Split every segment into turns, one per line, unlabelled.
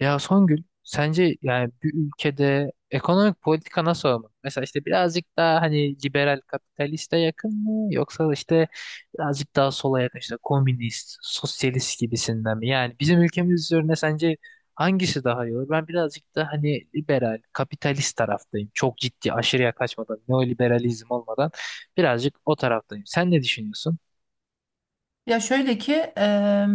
Ya Songül, sence yani bir ülkede ekonomik politika nasıl olmalı? Mesela işte birazcık daha hani liberal kapitaliste yakın mı yoksa işte birazcık daha sola yakın işte komünist, sosyalist gibisinden mi? Yani bizim ülkemiz üzerine sence hangisi daha iyi olur? Ben birazcık da hani liberal, kapitalist taraftayım. Çok ciddi, aşırıya kaçmadan, neoliberalizm olmadan birazcık o taraftayım. Sen ne düşünüyorsun?
Ya şöyle ki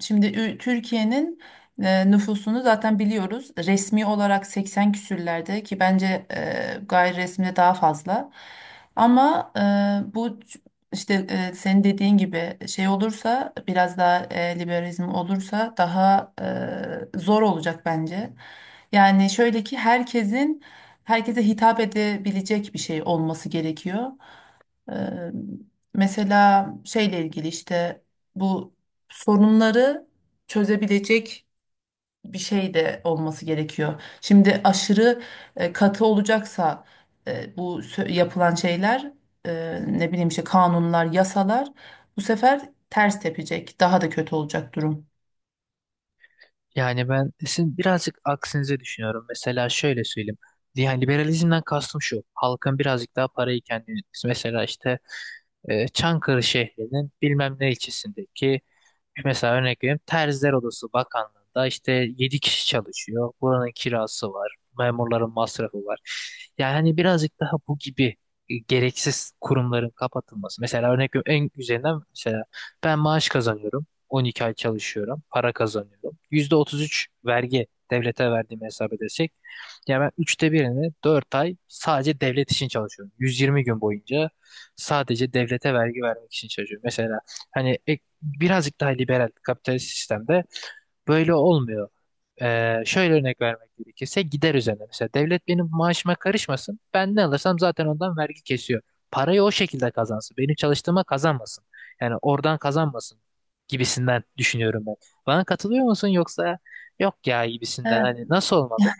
şimdi Türkiye'nin nüfusunu zaten biliyoruz. Resmi olarak 80 küsürlerde ki bence gayri resmi de daha fazla. Ama bu işte senin dediğin gibi şey olursa biraz daha liberalizm olursa daha zor olacak bence. Yani şöyle ki herkesin herkese hitap edebilecek bir şey olması gerekiyor. Eee, mesela şeyle ilgili işte bu sorunları çözebilecek bir şey de olması gerekiyor. Şimdi aşırı katı olacaksa, bu yapılan şeyler, ne bileyim işte kanunlar, yasalar bu sefer ters tepecek. Daha da kötü olacak durum.
Yani ben sizin birazcık aksinize düşünüyorum. Mesela şöyle söyleyeyim. Yani liberalizmden kastım şu. Halkın birazcık daha parayı kendine. Mesela işte Çankırı şehrinin bilmem ne ilçesindeki mesela örnek vereyim Terziler Odası Bakanlığı'nda işte 7 kişi çalışıyor. Buranın kirası var. Memurların masrafı var. Yani hani birazcık daha bu gibi gereksiz kurumların kapatılması. Mesela örnek veriyorum en güzelinden, mesela ben maaş kazanıyorum. 12 ay çalışıyorum. Para kazanıyorum. %33 vergi devlete verdiğimi hesap edersek. Yani ben üçte birini, 4 ay, sadece devlet için çalışıyorum. 120 gün boyunca sadece devlete vergi vermek için çalışıyorum. Mesela hani birazcık daha liberal kapitalist sistemde böyle olmuyor. Şöyle örnek vermek gerekirse gider üzerine. Mesela devlet benim maaşıma karışmasın. Ben ne alırsam zaten ondan vergi kesiyor. Parayı o şekilde kazansın. Benim çalıştığıma kazanmasın. Yani oradan kazanmasın gibisinden düşünüyorum ben. Bana katılıyor musun, yoksa yok ya gibisinden, hani nasıl olmalı?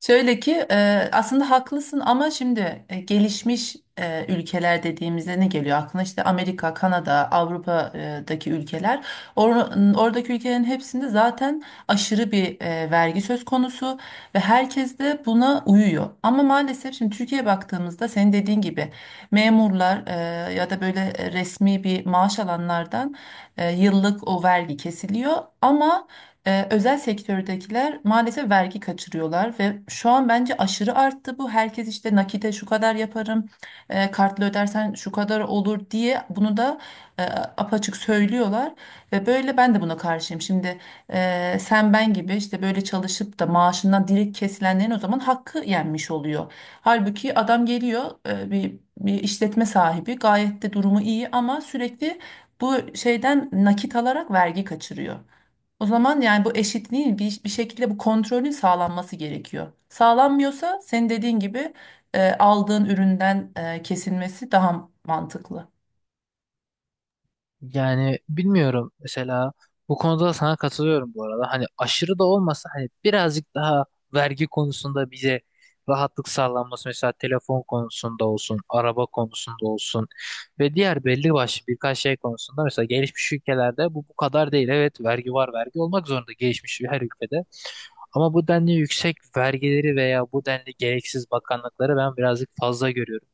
Şöyle ki aslında haklısın ama şimdi gelişmiş ülkeler dediğimizde ne geliyor aklına? İşte Amerika, Kanada, Avrupa'daki ülkeler. Oradaki ülkelerin hepsinde zaten aşırı bir vergi söz konusu ve herkes de buna uyuyor. Ama maalesef şimdi Türkiye'ye baktığımızda, senin dediğin gibi memurlar, ya da böyle resmi bir maaş alanlardan yıllık o vergi kesiliyor, ama özel sektördekiler maalesef vergi kaçırıyorlar ve şu an bence aşırı arttı bu. Herkes işte nakite şu kadar yaparım, kartla ödersen şu kadar olur diye, bunu da e, apaçık söylüyorlar. Ve böyle ben de buna karşıyım. Şimdi sen ben gibi işte böyle çalışıp da maaşından direkt kesilenlerin o zaman hakkı yenmiş oluyor. Halbuki adam geliyor, bir işletme sahibi, gayet de durumu iyi ama sürekli bu şeyden nakit alarak vergi kaçırıyor. O zaman yani bu eşitliğin bir şekilde bu kontrolün sağlanması gerekiyor. Sağlanmıyorsa senin dediğin gibi aldığın üründen kesilmesi daha mantıklı.
Yani bilmiyorum, mesela bu konuda da sana katılıyorum bu arada. Hani aşırı da olmasa, hani birazcık daha vergi konusunda bize rahatlık sağlanması, mesela telefon konusunda olsun, araba konusunda olsun ve diğer belli başlı birkaç şey konusunda. Mesela gelişmiş ülkelerde bu kadar değil. Evet, vergi var, vergi olmak zorunda gelişmiş her ülkede. Ama bu denli yüksek vergileri veya bu denli gereksiz bakanlıkları ben birazcık fazla görüyorum.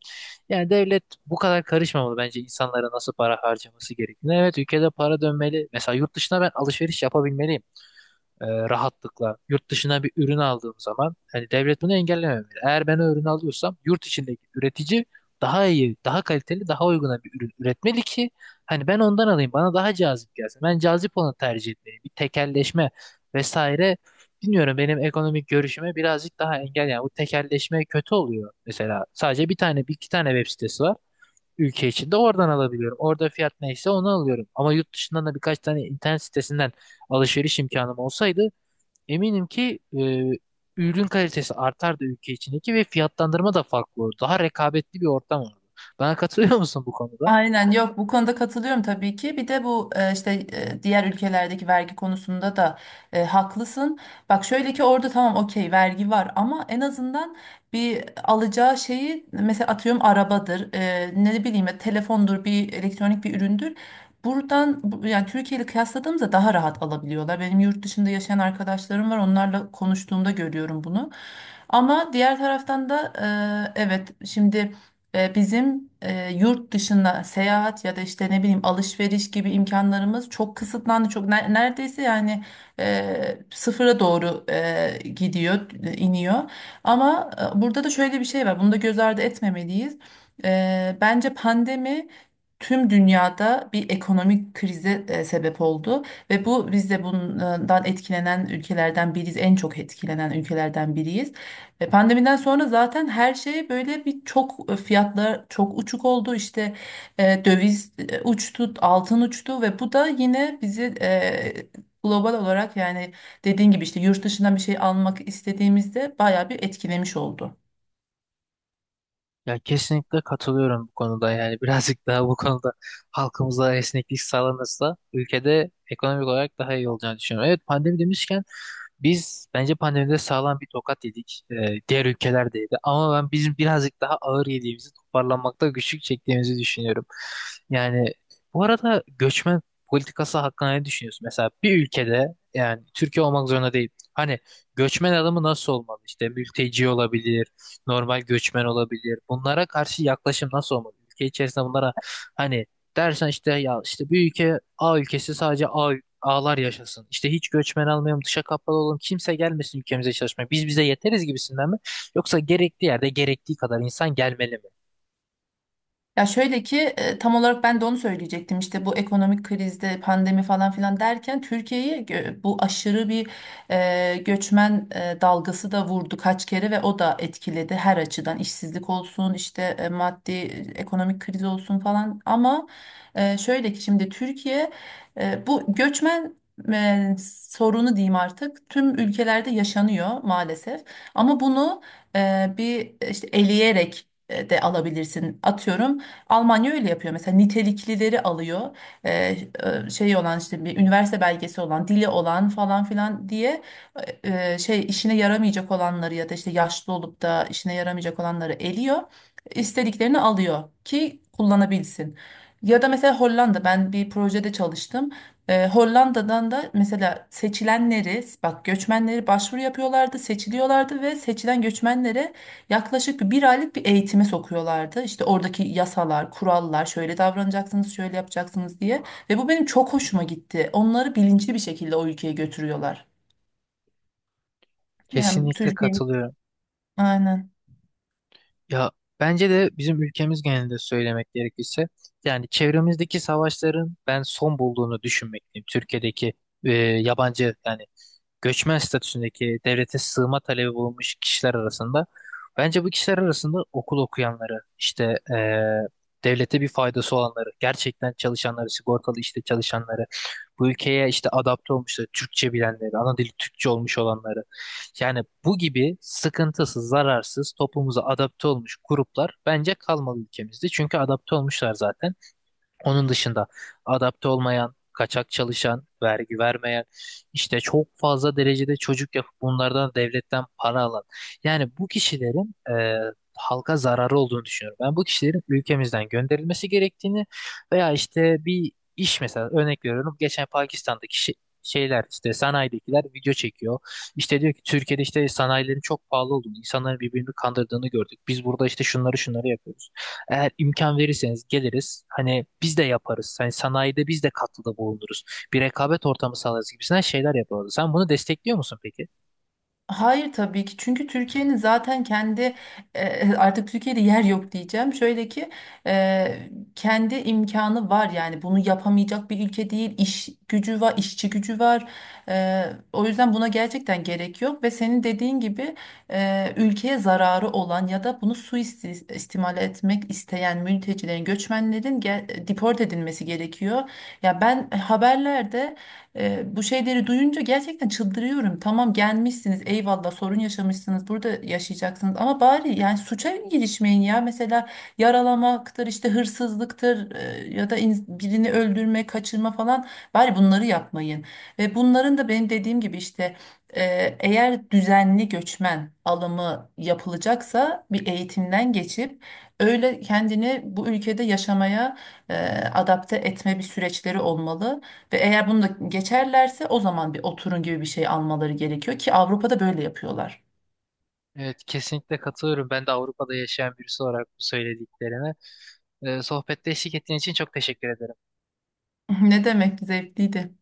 Yani devlet bu kadar karışmamalı bence insanlara nasıl para harcaması gerektiğine. Evet, ülkede para dönmeli. Mesela yurt dışına ben alışveriş yapabilmeliyim rahatlıkla. Yurt dışından bir ürün aldığım zaman hani devlet bunu engellememeli. Eğer ben o ürünü alıyorsam, yurt içindeki üretici daha iyi, daha kaliteli, daha uyguna bir ürün üretmeli ki hani ben ondan alayım, bana daha cazip gelsin. Ben cazip olanı tercih etmeliyim. Bir tekelleşme vesaire. Bilmiyorum, benim ekonomik görüşüme birazcık daha engel yani, bu tekelleşme kötü oluyor. Mesela sadece bir iki tane web sitesi var ülke içinde, oradan alabiliyorum. Orada fiyat neyse onu alıyorum. Ama yurt dışından da birkaç tane internet sitesinden alışveriş imkanım olsaydı, eminim ki ürün kalitesi artardı ülke içindeki ve fiyatlandırma da farklı olur. Daha rekabetli bir ortam olurdu. Bana katılıyor musun bu konuda?
Aynen, yok, bu konuda katılıyorum tabii ki. Bir de bu işte diğer ülkelerdeki vergi konusunda da haklısın. Bak şöyle ki orada, tamam, okey, vergi var ama en azından bir alacağı şeyi, mesela atıyorum arabadır, ne bileyim ya, telefondur, bir elektronik bir üründür. Buradan yani Türkiye ile kıyasladığımızda daha rahat alabiliyorlar. Benim yurt dışında yaşayan arkadaşlarım var. Onlarla konuştuğumda görüyorum bunu. Ama diğer taraftan da evet şimdi bizim yurt dışında seyahat ya da işte ne bileyim alışveriş gibi imkanlarımız çok kısıtlandı. Çok neredeyse yani sıfıra doğru gidiyor, iniyor. Ama burada da şöyle bir şey var. Bunu da göz ardı etmemeliyiz. Bence pandemi tüm dünyada bir ekonomik krize sebep oldu ve bu, biz de bundan etkilenen ülkelerden biriyiz. En çok etkilenen ülkelerden biriyiz. Pandemiden sonra zaten her şey böyle bir çok, fiyatlar çok uçuk oldu. İşte döviz uçtu, altın uçtu ve bu da yine bizi global olarak, yani dediğin gibi işte yurt dışından bir şey almak istediğimizde, bayağı bir etkilemiş oldu.
Ya, kesinlikle katılıyorum bu konuda yani birazcık daha bu konuda halkımıza esneklik sağlanırsa ülkede ekonomik olarak daha iyi olacağını düşünüyorum. Evet, pandemi demişken, biz bence pandemide sağlam bir tokat yedik. Diğer ülkeler de yedi. Ama ben bizim birazcık daha ağır yediğimizi, toparlanmakta güçlük çektiğimizi düşünüyorum. Yani, bu arada, göçmen politikası hakkında ne düşünüyorsun? Mesela bir ülkede, yani Türkiye olmak zorunda değil. Hani göçmen adamı nasıl olmalı? İşte mülteci olabilir, normal göçmen olabilir. Bunlara karşı yaklaşım nasıl olmalı? Ülke içerisinde bunlara hani dersen işte ya, işte bir ülke, A ülkesi, sadece A ağlar yaşasın. İşte hiç göçmen almayalım, dışa kapalı olalım, kimse gelmesin ülkemize çalışmaya. Biz bize yeteriz gibisinden mi? Yoksa gerektiği yerde gerektiği kadar insan gelmeli mi?
Ya şöyle ki tam olarak ben de onu söyleyecektim. İşte bu ekonomik krizde, pandemi falan filan derken, Türkiye'yi bu aşırı bir göçmen dalgası da vurdu kaç kere ve o da etkiledi her açıdan, işsizlik olsun, işte maddi ekonomik kriz olsun falan. Ama şöyle ki şimdi Türkiye, bu göçmen e, sorunu diyeyim, artık tüm ülkelerde yaşanıyor maalesef. Ama bunu bir işte eleyerek de alabilirsin. Atıyorum, Almanya öyle yapıyor, mesela niteliklileri alıyor. Ee, şey olan, işte bir üniversite belgesi olan, dili olan falan filan diye, şey işine yaramayacak olanları ya da işte yaşlı olup da işine yaramayacak olanları eliyor, istediklerini alıyor ki kullanabilsin. Ya da mesela Hollanda, ben bir projede çalıştım. Hollanda'dan da, mesela seçilenleri bak, göçmenleri, başvuru yapıyorlardı, seçiliyorlardı ve seçilen göçmenlere yaklaşık bir aylık bir eğitime sokuyorlardı. İşte oradaki yasalar, kurallar, şöyle davranacaksınız, şöyle yapacaksınız diye. Ve bu benim çok hoşuma gitti. Onları bilinçli bir şekilde o ülkeye götürüyorlar. Yani
Kesinlikle
Türkiye.
katılıyorum.
Aynen.
Ya, bence de bizim ülkemiz genelinde söylemek gerekirse, yani çevremizdeki savaşların ben son bulduğunu düşünmekteyim. Türkiye'deki yabancı, yani göçmen statüsündeki, devlete sığınma talebi bulunmuş kişiler arasında, bence bu kişiler arasında okul okuyanları, işte devlete bir faydası olanları, gerçekten çalışanları, sigortalı işte çalışanları, bu ülkeye işte adapte olmuşları, Türkçe bilenleri, ana dili Türkçe olmuş olanları, yani bu gibi sıkıntısız, zararsız, toplumuza adapte olmuş gruplar bence kalmalı ülkemizde, çünkü adapte olmuşlar zaten. Onun dışında adapte olmayan, kaçak çalışan, vergi vermeyen, işte çok fazla derecede çocuk yapıp bunlardan devletten para alan, yani bu kişilerin e, halka zararı olduğunu düşünüyorum. Ben bu kişilerin ülkemizden gönderilmesi gerektiğini, veya işte bir iş, mesela örnek veriyorum, geçen Pakistan'daki şeyler, işte sanayidekiler video çekiyor. İşte diyor ki Türkiye'de işte sanayilerin çok pahalı olduğunu, insanların birbirini kandırdığını gördük. Biz burada işte şunları şunları yapıyoruz. Eğer imkan verirseniz geliriz. Hani biz de yaparız. Hani sanayide biz de katkıda bulunuruz. Bir rekabet ortamı sağlarız gibisinden şeyler yaparız. Sen bunu destekliyor musun peki?
Hayır tabii ki, çünkü Türkiye'nin zaten kendi artık Türkiye'de yer yok diyeceğim. Şöyle ki e, kendi imkanı var, yani bunu yapamayacak bir ülke değil. İş gücü var, işçi gücü var. E, o yüzden buna gerçekten gerek yok ve senin dediğin gibi ülkeye zararı olan ya da bunu suistimal etmek isteyen mültecilerin, göçmenlerin deport edilmesi gerekiyor. Ya ben haberlerde bu şeyleri duyunca gerçekten çıldırıyorum. Tamam, gelmişsiniz, eyvallah, sorun yaşamışsınız, burada yaşayacaksınız, ama bari yani suça girişmeyin ya. Mesela yaralamaktır, işte hırsızlıktır, ya da birini öldürme, kaçırma falan, bari bunları yapmayın. Ve bunların da, benim dediğim gibi işte, e, eğer düzenli göçmen alımı yapılacaksa bir eğitimden geçip, öyle kendini bu ülkede yaşamaya e, adapte etme bir süreçleri olmalı. Ve eğer bunu da geçerlerse, o zaman bir oturun gibi bir şey almaları gerekiyor ki, Avrupa'da böyle yapıyorlar.
Evet, kesinlikle katılıyorum. Ben de Avrupa'da yaşayan birisi olarak bu söylediklerine. Sohbette eşlik ettiğin için çok teşekkür ederim.
Ne demek, zevkliydi.